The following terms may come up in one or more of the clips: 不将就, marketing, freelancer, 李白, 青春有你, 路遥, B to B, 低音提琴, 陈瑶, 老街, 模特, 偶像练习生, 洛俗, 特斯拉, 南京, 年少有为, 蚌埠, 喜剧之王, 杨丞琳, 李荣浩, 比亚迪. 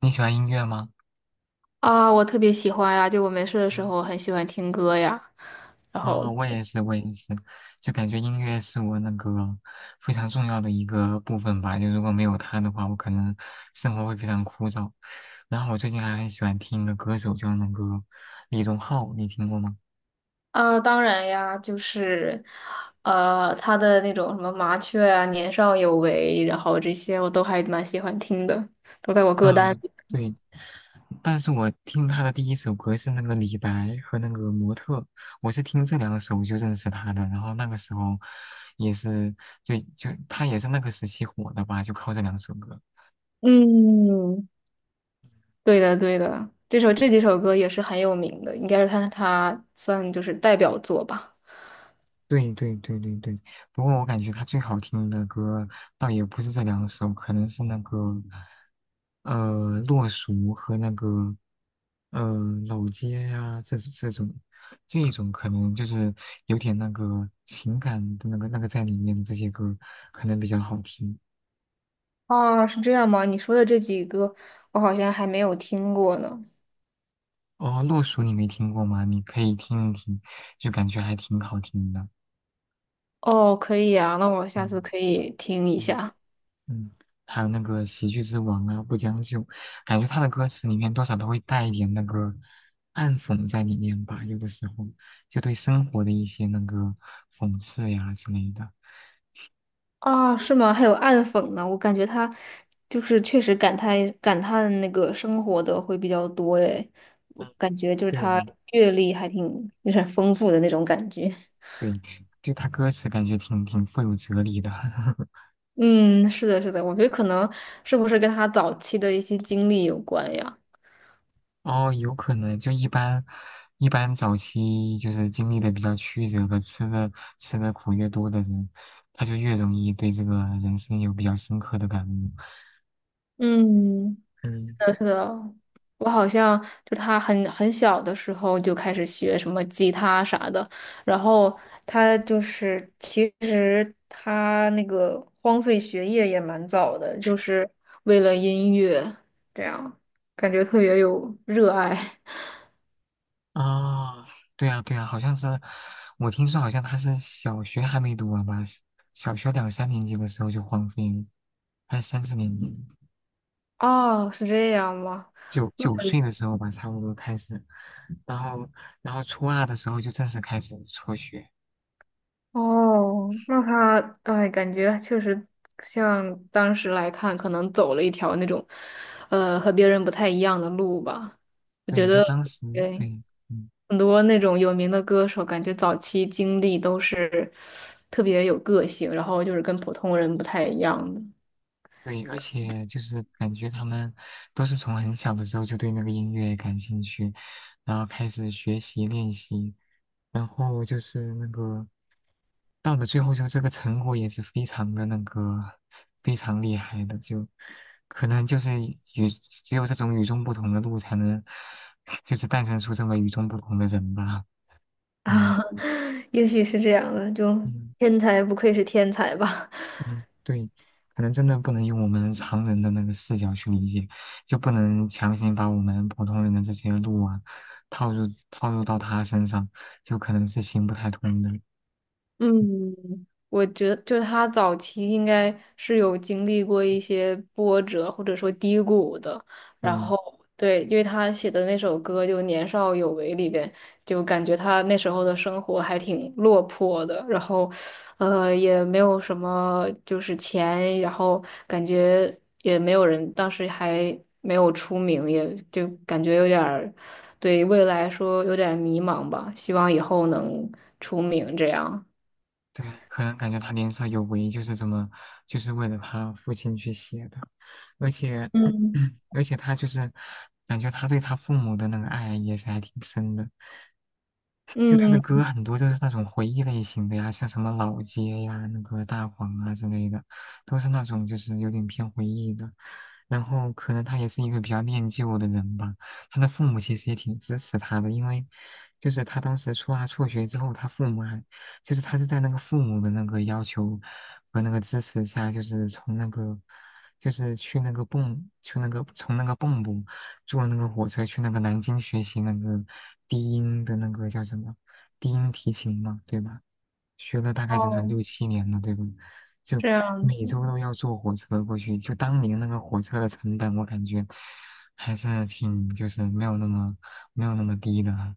你喜欢音乐吗？啊，我特别喜欢呀，就我没事的时嗯，候很喜欢听歌呀。然后哦，我也是，我也是，就感觉音乐是我那个非常重要的一个部分吧。就如果没有它的话，我可能生活会非常枯燥。然后我最近还很喜欢听的歌手就是那个李荣浩，你听过吗？啊，当然呀，就是他的那种什么麻雀啊、年少有为，然后这些我都还蛮喜欢听的，都在我歌单嗯，里。对。但是我听他的第一首歌是那个《李白》和那个《模特》，我是听这两首就认识他的。然后那个时候也是，就他也是那个时期火的吧，就靠这两首歌。嗯，对的，对的，这首这几首歌也是很有名的，应该是他算就是代表作吧。对对对对对，不过我感觉他最好听的歌倒也不是这两首，可能是那个呃《洛俗》和那个呃《老街啊》呀这这种这一种可能就是有点那个情感的那个在里面的这些歌可能比较好听。哦，是这样吗？你说的这几个，我好像还没有听过呢。哦，《洛俗》你没听过吗？你可以听一听，就感觉还挺好听的。哦，可以呀，那我下次嗯。可以听一嗯下。嗯，还有那个《喜剧之王》啊，《不将就》，感觉他的歌词里面多少都会带一点那个暗讽在里面吧，有的时候就对生活的一些那个讽刺呀之类的。啊，是吗？还有暗讽呢，我感觉他就是确实感叹感叹那个生活的会比较多诶，我嗯，感觉就是对的，他阅历还挺有点丰富的那种感觉。对，就他歌词感觉挺富有哲理的。嗯，是的，是的，我觉得可能是不是跟他早期的一些经历有关呀？哦，有可能就一般，一般早期就是经历的比较曲折的，吃的苦越多的人，他就越容易对这个人生有比较深刻的感悟。嗯。嗯。是的，我好像就他很小的时候就开始学什么吉他啥的，然后他就是其实他那个荒废学业也蛮早的，就是为了音乐，这样感觉特别有热爱。啊，对啊，对啊，好像是，我听说好像他是小学还没读完吧，是小学两三年级的时候就荒废了，还是三四年级，哦，是这样吗？九那。九岁的时候吧，差不多开始，然后初二的时候就正式开始辍学，哦，那他哎，感觉确实像当时来看，可能走了一条那种，和别人不太一样的路吧。我觉对，就得，当时对，对，嗯，很多那种有名的歌手，感觉早期经历都是特别有个性，然后就是跟普通人不太一样的。对，而且就是感觉他们都是从很小的时候就对那个音乐感兴趣，然后开始学习练习。然后就是那个到了最后，就这个成果也是非常的那个非常厉害的，就可能就是与只有这种与众不同的路才能，就是诞生出这么与众不同的人吧。嗯啊，也许是这样的，就嗯天才不愧是天才吧。嗯，对，可能真的不能用我们常人的那个视角去理解，就不能强行把我们普通人的这些路啊套入到他身上，就可能是行不太通的。嗯，我觉得就是他早期应该是有经历过一些波折或者说低谷的，对，然后对，因为他写的那首歌就《年少有为》里边，就感觉他那时候的生活还挺落魄的，然后也没有什么就是钱，然后感觉也没有人，当时还没有出名，也就感觉有点儿对未来说有点迷茫吧，希望以后能出名这样。对啊，可能感觉他年少有为，就是这么，就是为了他父亲去写的，而且，嗯 而且他就是感觉他对他父母的那个爱也是还挺深的，就他的嗯，歌很多都是那种回忆类型的呀，像什么老街呀、那个大黄啊之类的，都是那种就是有点偏回忆的。然后可能他也是一个比较念旧的人吧，他的父母其实也挺支持他的，因为就是他当时初二辍学之后，他父母还就是他是在那个父母的那个要求和那个支持下，就是从那个去那个从那个蚌埠坐那个火车去那个南京学习那个低音的那个叫什么低音提琴嘛，对吧？学了大概整整哦，六七年了，对吧？就这样子，每周都要坐火车过去，就当年那个火车的成本，我感觉还是挺就是没有那么低的啊。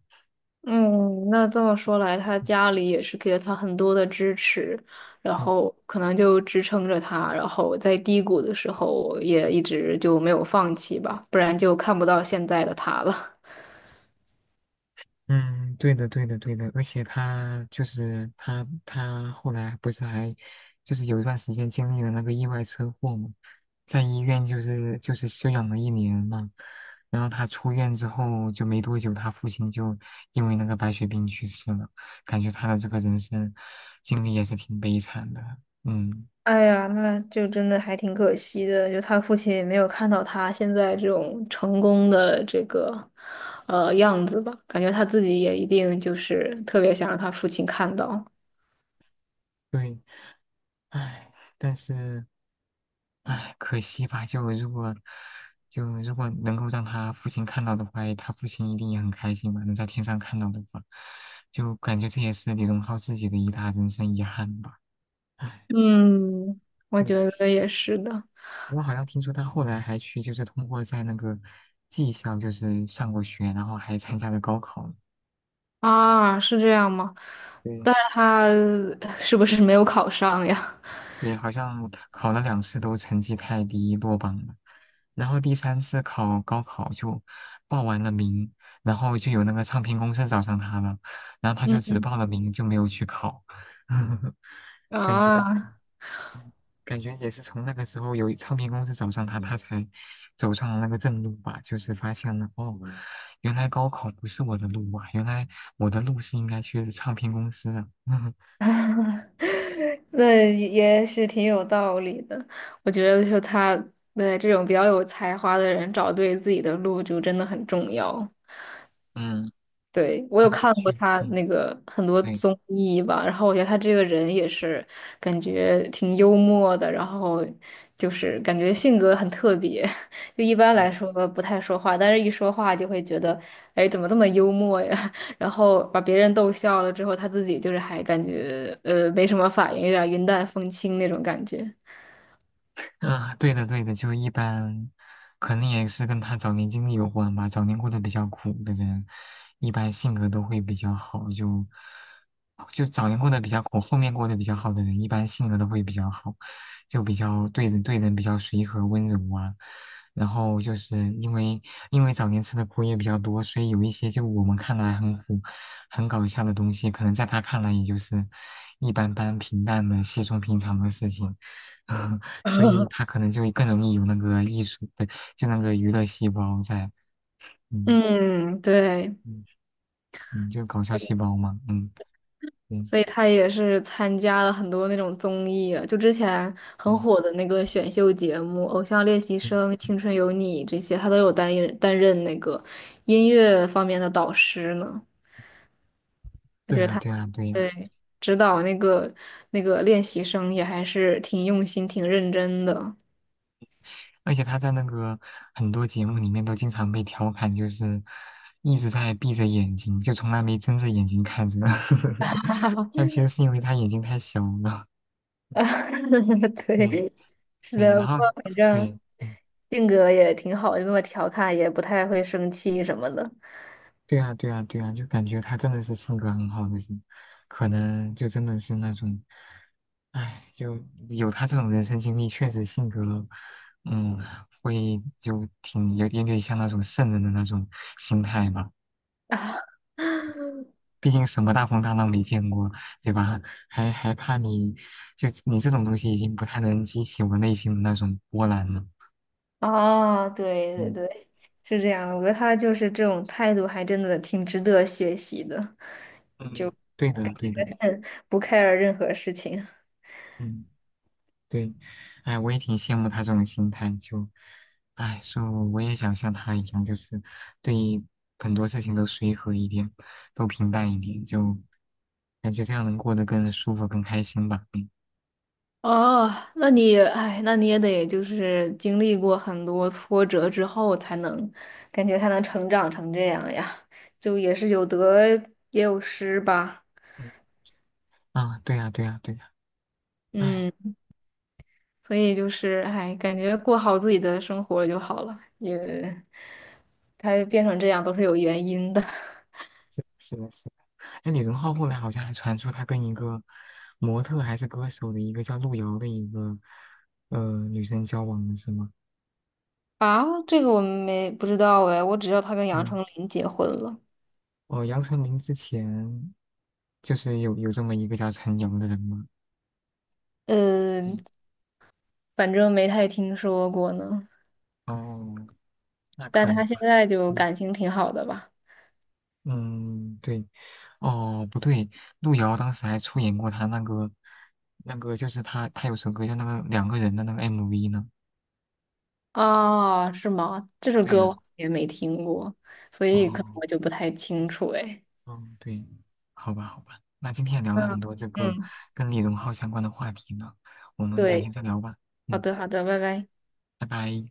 嗯，那这么说来，他家里也是给了他很多的支持，然嗯后可能就支撑着他，然后在低谷的时候也一直就没有放弃吧，不然就看不到现在的他了。嗯，对的，对的，对的，而且他就是他，他后来不是还就是有一段时间经历了那个意外车祸嘛，在医院就是休养了1年嘛，然后他出院之后就没多久，他父亲就因为那个白血病去世了，感觉他的这个人生经历也是挺悲惨的，嗯，哎呀，那就真的还挺可惜的，就他父亲也没有看到他现在这种成功的这个样子吧，感觉他自己也一定就是特别想让他父亲看到。对，唉，但是。唉，可惜吧，就如果能够让他父亲看到的话，他父亲一定也很开心吧，能在天上看到的话，就感觉这也是李荣浩自己的一大人生遗憾吧。唉，嗯，我嗯，觉得也是的我好像听说他后来还去，就是通过在那个技校就是上过学，然后还参加了高考呢啊，是这样吗？对，但是他是不是没有考上呀？对，好像考了2次都成绩太低落榜了，然后第三次考高考就报完了名，然后就有那个唱片公司找上他了，然后他就只嗯报了名就没有去考，感觉啊，感觉也是从那个时候有唱片公司找上他，他才走上了那个正路吧，就是发现了哦，原来高考不是我的路啊，原来我的路是应该去唱片公司啊，那也是挺有道理的。我觉得就他对这种比较有才华的人，找对自己的路就真的很重要。嗯，对，我他有如果看过去，他嗯，那个很多对。综艺吧，然后我觉得他这个人也是感觉挺幽默的，然后就是感觉性格很特别，就一般来说不太说话，但是一说话就会觉得，哎，怎么这么幽默呀？然后把别人逗笑了之后，他自己就是还感觉没什么反应，有点云淡风轻那种感觉。啊，对的对的，就一般，可能也是跟他早年经历有关吧。早年过得比较苦的人，一般性格都会比较好，就早年过得比较苦，后面过得比较好的人，一般性格都会比较好，就比较对人比较随和温柔啊。然后就是因为早年吃的苦也比较多，所以有一些就我们看来很苦、很搞笑的东西，可能在他看来也就是一般般、平淡的、稀松平常的事情。所以 他可能就更容易有那个艺术的，就那个娱乐细胞在，嗯嗯，对。嗯嗯，就搞笑细胞嘛，嗯嗯所以他也是参加了很多那种综艺，啊，就之前很嗯火的那个选秀节目《偶像练习嗯，生》《青春有你》这些，他都有担任那个音乐方面的导师呢。我对觉得呀他对呀对呀，对指导那个练习生也还是挺用心、挺认真的。而且他在那个很多节目里面都经常被调侃，就是一直在闭着眼睛，就从来没睁着眼睛看着，但其实是因为他眼睛太小了，啊对对，是对，的，然不后过反对正嗯性格也挺好，就那么调侃，也不太会生气什么的。对啊对啊对啊，就感觉他真的是性格很好的人，可能就真的是那种。唉，就有他这种人生经历，确实性格，嗯，会就挺有点点像那种圣人的那种心态吧。毕竟什么大风大浪没见过，对吧？还还怕你，就你这种东西已经不太能激起我内心的那种波澜了。啊，对对嗯对。是这样的，我觉得他就是这种态度，还真的挺值得学习的。嗯，对的对的，嗯不 care 任何事情。嗯。对，哎，我也挺羡慕他这种心态，就，哎，说我也想像他一样，就是对很多事情都随和一点，都平淡一点，就感觉这样能过得更舒服、更开心吧。嗯哦，那你，哎，那你也得就是经历过很多挫折之后，才能感觉他能成长成这样呀，就也是有得也有失吧。嗯啊，对呀，对呀，对呀，哎，嗯，所以就是，哎，感觉过好自己的生活就好了，也，他变成这样都是有原因的。是是的是的，哎，李荣浩后来好像还传出他跟一个模特还是歌手的一个叫路遥的一个女生交往了，是吗？啊，这个我们没不知道哎，我只知道他跟杨嗯，丞琳结婚了，哦，杨丞琳之前就是有这么一个叫陈瑶的人吗？嗯嗯，反正没太听说过呢。哦，那但可能，他现在就嗯，感情挺好的吧？嗯对，哦，不对，路遥当时还出演过他那个，那个就是他，他有首歌叫那个两个人的那个 MV 呢。啊，是吗？这首对歌我呀、好像也没听过，所以可能哦，我就不太清楚哎。哦，对，好吧，好吧，那今天也聊了嗯很多这个嗯，跟李荣浩相关的话题呢，我们改天对，再聊吧。好嗯，的好的，拜拜。拜拜。